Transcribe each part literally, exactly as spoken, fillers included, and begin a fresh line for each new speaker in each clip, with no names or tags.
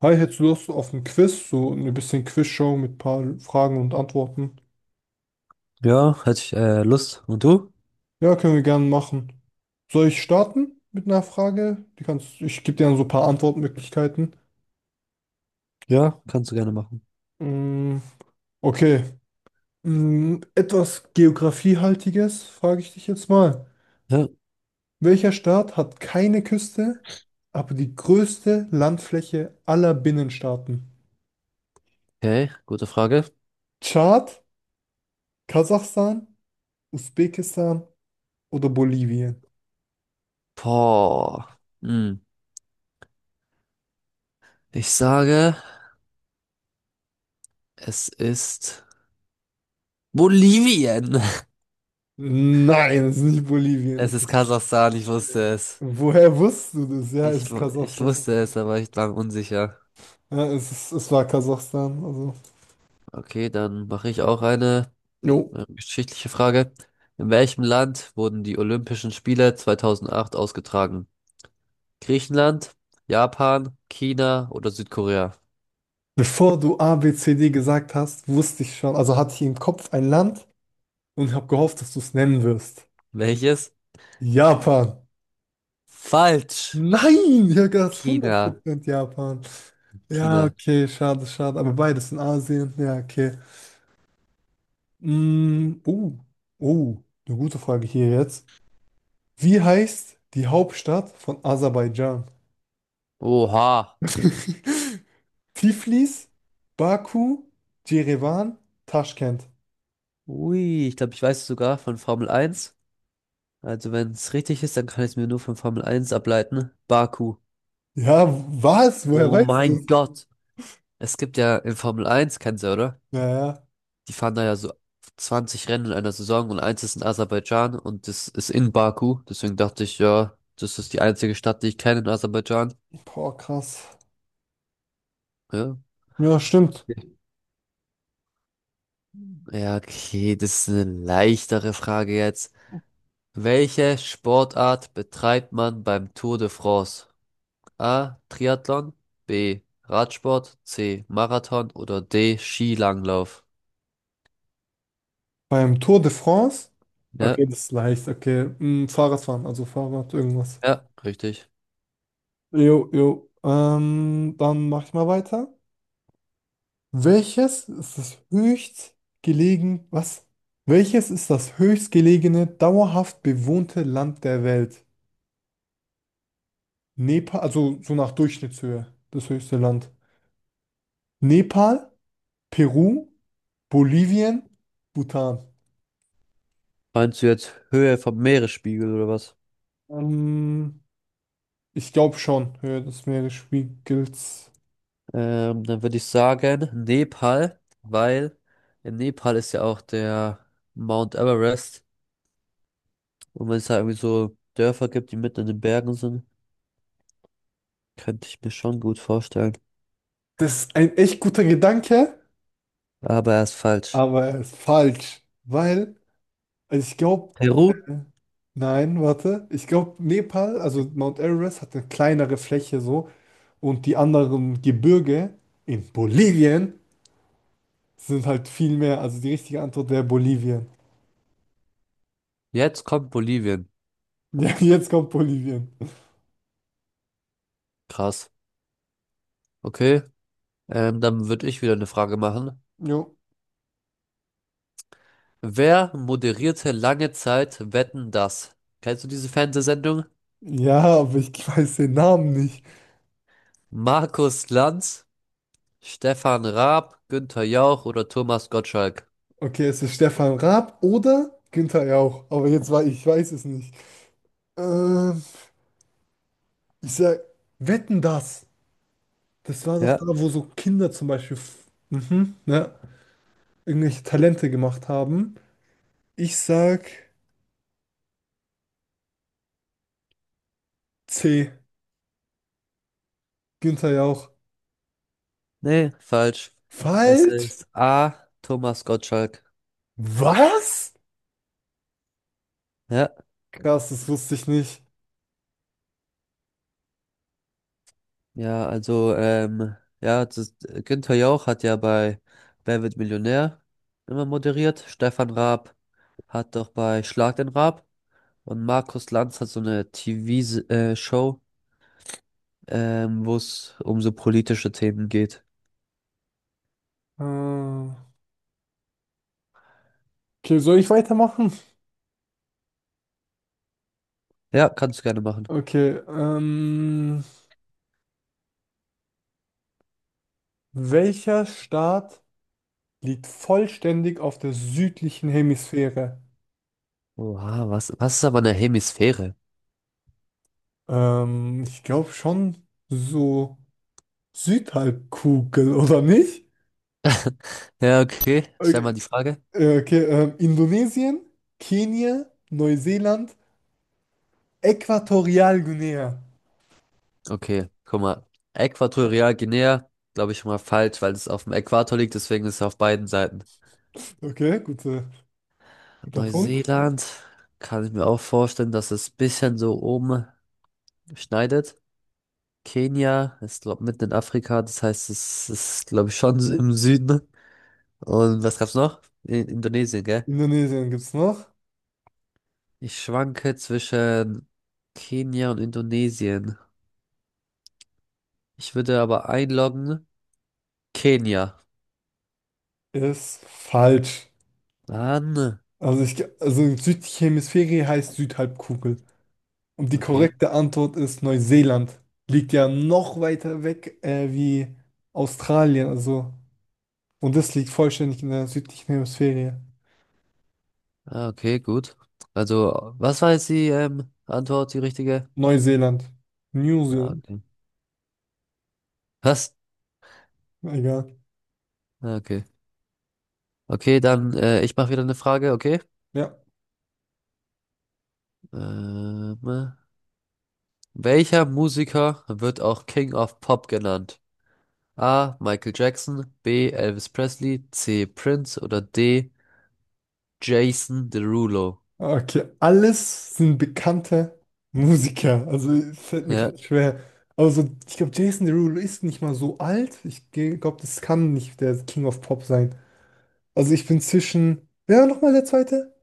Hi, hättest du Lust auf ein Quiz? So ein bisschen Quizshow mit ein paar Fragen und Antworten.
Ja, hätte ich äh, Lust. Und du?
Ja, können wir gerne machen. Soll ich starten mit einer Frage? Die kannst, ich gebe dir dann so ein paar Antwortmöglichkeiten.
Ja, kannst du gerne machen.
Mm, okay. Mm, etwas Geografiehaltiges frage ich dich jetzt mal.
Ja.
Welcher Staat hat keine Küste, aber die größte Landfläche aller Binnenstaaten?
Okay, gute Frage.
Tschad, Kasachstan, Usbekistan oder Bolivien?
Boah. Hm. Ich sage, es ist Bolivien.
Nein, es ist nicht Bolivien.
Es ist Kasachstan, ich wusste es.
Woher wusstest du das? Ja, es
Ich,
ist
wu- ich
Kasachstan.
wusste es, aber ich war unsicher.
Ja, es ist, es war Kasachstan. Also.
Okay, dann mache ich auch eine
Jo.
äh, geschichtliche Frage. In welchem Land wurden die Olympischen Spiele zweitausendacht ausgetragen? Griechenland, Japan, China oder Südkorea?
Bevor du A, B, C, D gesagt hast, wusste ich schon, also hatte ich im Kopf ein Land und habe gehofft, dass du es nennen wirst.
Welches?
Japan.
Falsch.
Nein, ich habe gedacht,
China.
hundert Prozent Japan. Ja,
China.
okay, schade, schade. Aber beides in Asien. Ja, okay. Mm, oh, oh, eine gute Frage hier jetzt. Wie heißt die Hauptstadt von Aserbaidschan?
Oha.
Tiflis, Baku, Jerewan, Taschkent.
Ui, ich glaube, ich weiß es sogar von Formel eins. Also wenn es richtig ist, dann kann ich es mir nur von Formel eins ableiten. Baku.
Ja, was? Woher
Oh
weißt du
mein
es?
Gott. Es gibt ja in Formel eins, kennst du, oder?
Naja,
Die fahren da ja so zwanzig Rennen in einer Saison und eins ist in Aserbaidschan und das ist in Baku. Deswegen dachte ich, ja, das ist die einzige Stadt, die ich kenne in Aserbaidschan.
boah, krass.
Ja.
Ja, stimmt.
Ja, okay, das ist eine leichtere Frage jetzt. Welche Sportart betreibt man beim Tour de France? A. Triathlon, B. Radsport, C. Marathon oder D. Skilanglauf?
Beim Tour de France?
Ja,
Okay, das ist leicht. Okay, hm, Fahrradfahren, also Fahrrad, irgendwas.
ja, richtig.
Jo, jo. Ähm, dann mach ich mal weiter. Welches ist das höchstgelegen... Was? Welches ist das höchstgelegene, dauerhaft bewohnte Land der Welt? Nepal, also so nach Durchschnittshöhe, das höchste Land. Nepal, Peru, Bolivien, Bhutan.
Meinst du jetzt Höhe vom Meeresspiegel oder was?
Ähm, Ich glaube schon, Höhe des Meeresspiegels.
Ähm, dann würde ich sagen Nepal, weil in Nepal ist ja auch der Mount Everest. Und wenn es da irgendwie so Dörfer gibt, die mitten in den Bergen sind, könnte ich mir schon gut vorstellen.
Das ist ein echt guter Gedanke,
Aber er ist falsch.
aber er ist falsch, weil also ich glaube,
Peru?
nein, warte, ich glaube, Nepal, also Mount Everest hat eine kleinere Fläche so und die anderen Gebirge in Bolivien sind halt viel mehr. Also die richtige Antwort wäre Bolivien.
Jetzt kommt Bolivien.
Ja, jetzt kommt Bolivien.
Krass. Okay, ähm, dann würde ich wieder eine Frage machen.
Jo.
Wer moderierte lange Zeit Wetten, dass? Kennst du diese Fernsehsendung?
Ja, aber ich weiß den Namen nicht.
Markus Lanz, Stefan Raab, Günther Jauch oder Thomas Gottschalk?
Okay, es ist Stefan Raab oder Günther Jauch. Aber jetzt war ich, weiß es nicht. Ähm, Ich sag, Wetten das. Das war doch
Ja,
da, wo so Kinder zum Beispiel f- mhm, ne, irgendwelche Talente gemacht haben. Ich sag C, Günther Jauch.
nee, falsch. Es
Falsch?
ist A, Thomas Gottschalk.
Was?
Ja,
Krass, das wusste ich nicht.
ja, also, ähm, ja, das ist, Günther Jauch hat ja bei Wer wird Millionär immer moderiert. Stefan Raab hat doch bei Schlag den Raab. Und Markus Lanz hat so eine T V-Show, ähm, wo es um so politische Themen geht.
Äh, okay, soll ich weitermachen?
Ja, kannst du gerne machen.
Okay, ähm, welcher Staat liegt vollständig auf der südlichen Hemisphäre?
Oha, was, was ist aber eine Hemisphäre?
Ähm, ich glaube schon so Südhalbkugel, oder nicht?
Ja, okay. Stell mal
Okay,
die Frage.
äh, okay, ähm, Indonesien, Kenia, Neuseeland, Äquatorialguinea.
Okay, guck mal. Äquatorial glaube ich, schon mal falsch, weil es auf dem Äquator liegt, deswegen ist es auf beiden Seiten.
Okay, gute, guter Punkt.
Neuseeland, kann ich mir auch vorstellen, dass es bisschen so oben schneidet. Kenia ist, glaube mitten in Afrika, das heißt, es ist, glaube ich, schon im Süden. Und was gab's noch? In Indonesien, gell?
Indonesien gibt es noch.
Ich schwanke zwischen Kenia und Indonesien. Ich würde aber einloggen Kenia.
Ist falsch.
Mann.
Also, ich, ge- also Südhemisphäre heißt Südhalbkugel. Und die
Okay.
korrekte Antwort ist Neuseeland. Liegt ja noch weiter weg äh, wie Australien. Also, und das liegt vollständig in der südlichen Hemisphäre.
Ah, okay, gut. Also, was war jetzt die ähm, Antwort, die richtige?
Neuseeland. New
Ah,
Zealand.
okay. Was?
Egal.
Ah, okay. Okay, dann äh, ich mache wieder eine Frage, okay?
Ja.
Ähm, Welcher Musiker wird auch King of Pop genannt? A. Michael Jackson, B. Elvis Presley, C. Prince oder D. Jason Derulo.
Okay. Alles sind bekannte Musiker. Also es fällt mir
Ja.
gerade schwer. Aber so, ich glaube, Jason Derulo ist nicht mal so alt. Ich glaube, das kann nicht der King of Pop sein. Also ich bin zwischen. Wer war nochmal der zweite?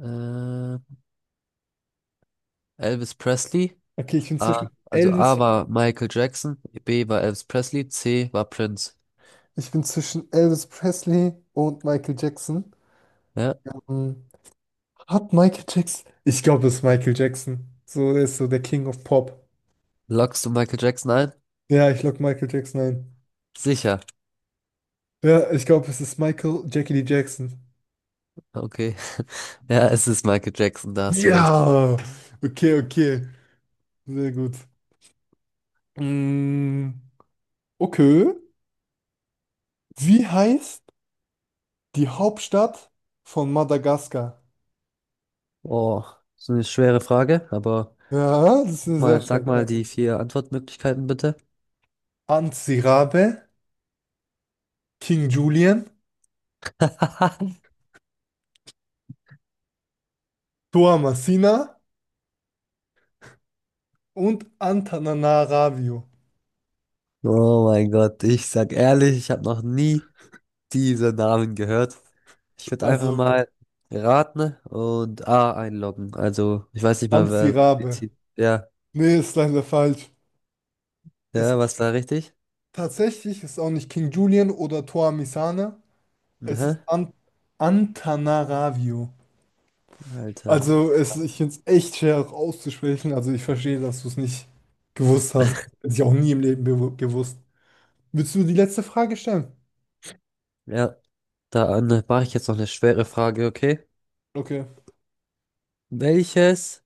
Äh, Elvis Presley.
Okay, ich bin
A,
zwischen
also A
Elvis.
war Michael Jackson, B war Elvis Presley, C war Prince.
Ich bin zwischen Elvis Presley und Michael Jackson.
Ja.
Hm, Hat Michael Jackson? Ich glaube, es ist Michael Jackson. So, er ist so der King of Pop.
Loggst du Michael Jackson ein?
Ja, ich logge Michael Jackson ein.
Sicher.
Ja, ich glaube, es ist Michael Jackie Lee Jackson.
Okay. Ja, es ist Michael Jackson, da hast du recht.
Ja! Okay, okay. Sehr gut. Mm, okay. Wie heißt die Hauptstadt von Madagaskar?
Oh, so eine schwere Frage, aber
Ja, das ist
guck
eine sehr
mal, sag
starke
mal
Frage.
die vier Antwortmöglichkeiten bitte.
Antsirabe, King Julian, Toamasina und Antananarivo.
Oh mein Gott, ich sag ehrlich, ich habe noch nie diese Namen gehört. Ich würde einfach
Also
mal raten und A einloggen. Also, ich weiß nicht mal, wer
Antsirabe.
bezieht. Ja,
Nee, ist leider falsch. Es,
ja, was war richtig?
Tatsächlich ist auch nicht King Julian oder Toamisane. Es ist
Hä?
An Antananarivo.
Alter.
Also es, ich finde es echt schwer auch auszusprechen. Also ich verstehe, dass du es nicht gewusst hast. Hätte ich auch nie im Leben bewu- gewusst. Willst du die letzte Frage stellen?
Ja, dann mache ich jetzt noch eine schwere Frage, okay?
Okay.
Welches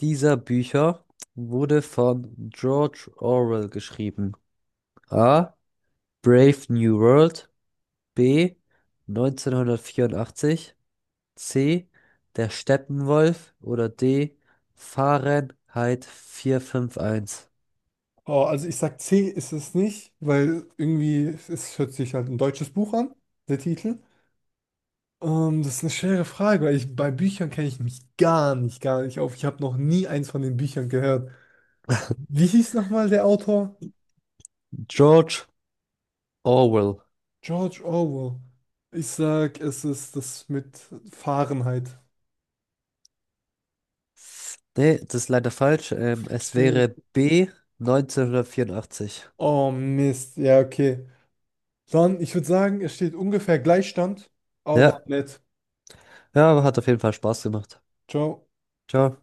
dieser Bücher wurde von George Orwell geschrieben? A. Brave New World. B. neunzehnhundertvierundachtzig. C. Der Steppenwolf oder D. Fahrenheit vierhunderteinundfünfzig.
Oh, also ich sag C ist es nicht, weil irgendwie es hört sich halt ein deutsches Buch an, der Titel. Ähm, das ist eine schwere Frage, weil ich bei Büchern kenne ich mich gar nicht, gar nicht auf. Ich habe noch nie eins von den Büchern gehört. Wie hieß nochmal der Autor?
George Orwell.
George Orwell. Ich sag, es ist das mit Fahrenheit.
Nee, das ist leider falsch. Ähm, es
Shit.
wäre B, neunzehnhundertvierundachtzig.
Oh Mist. Ja, okay. Dann, ich würde sagen, es steht ungefähr Gleichstand, aber
Ja,
nett.
ja, hat auf jeden Fall Spaß gemacht.
Ciao.
Ciao.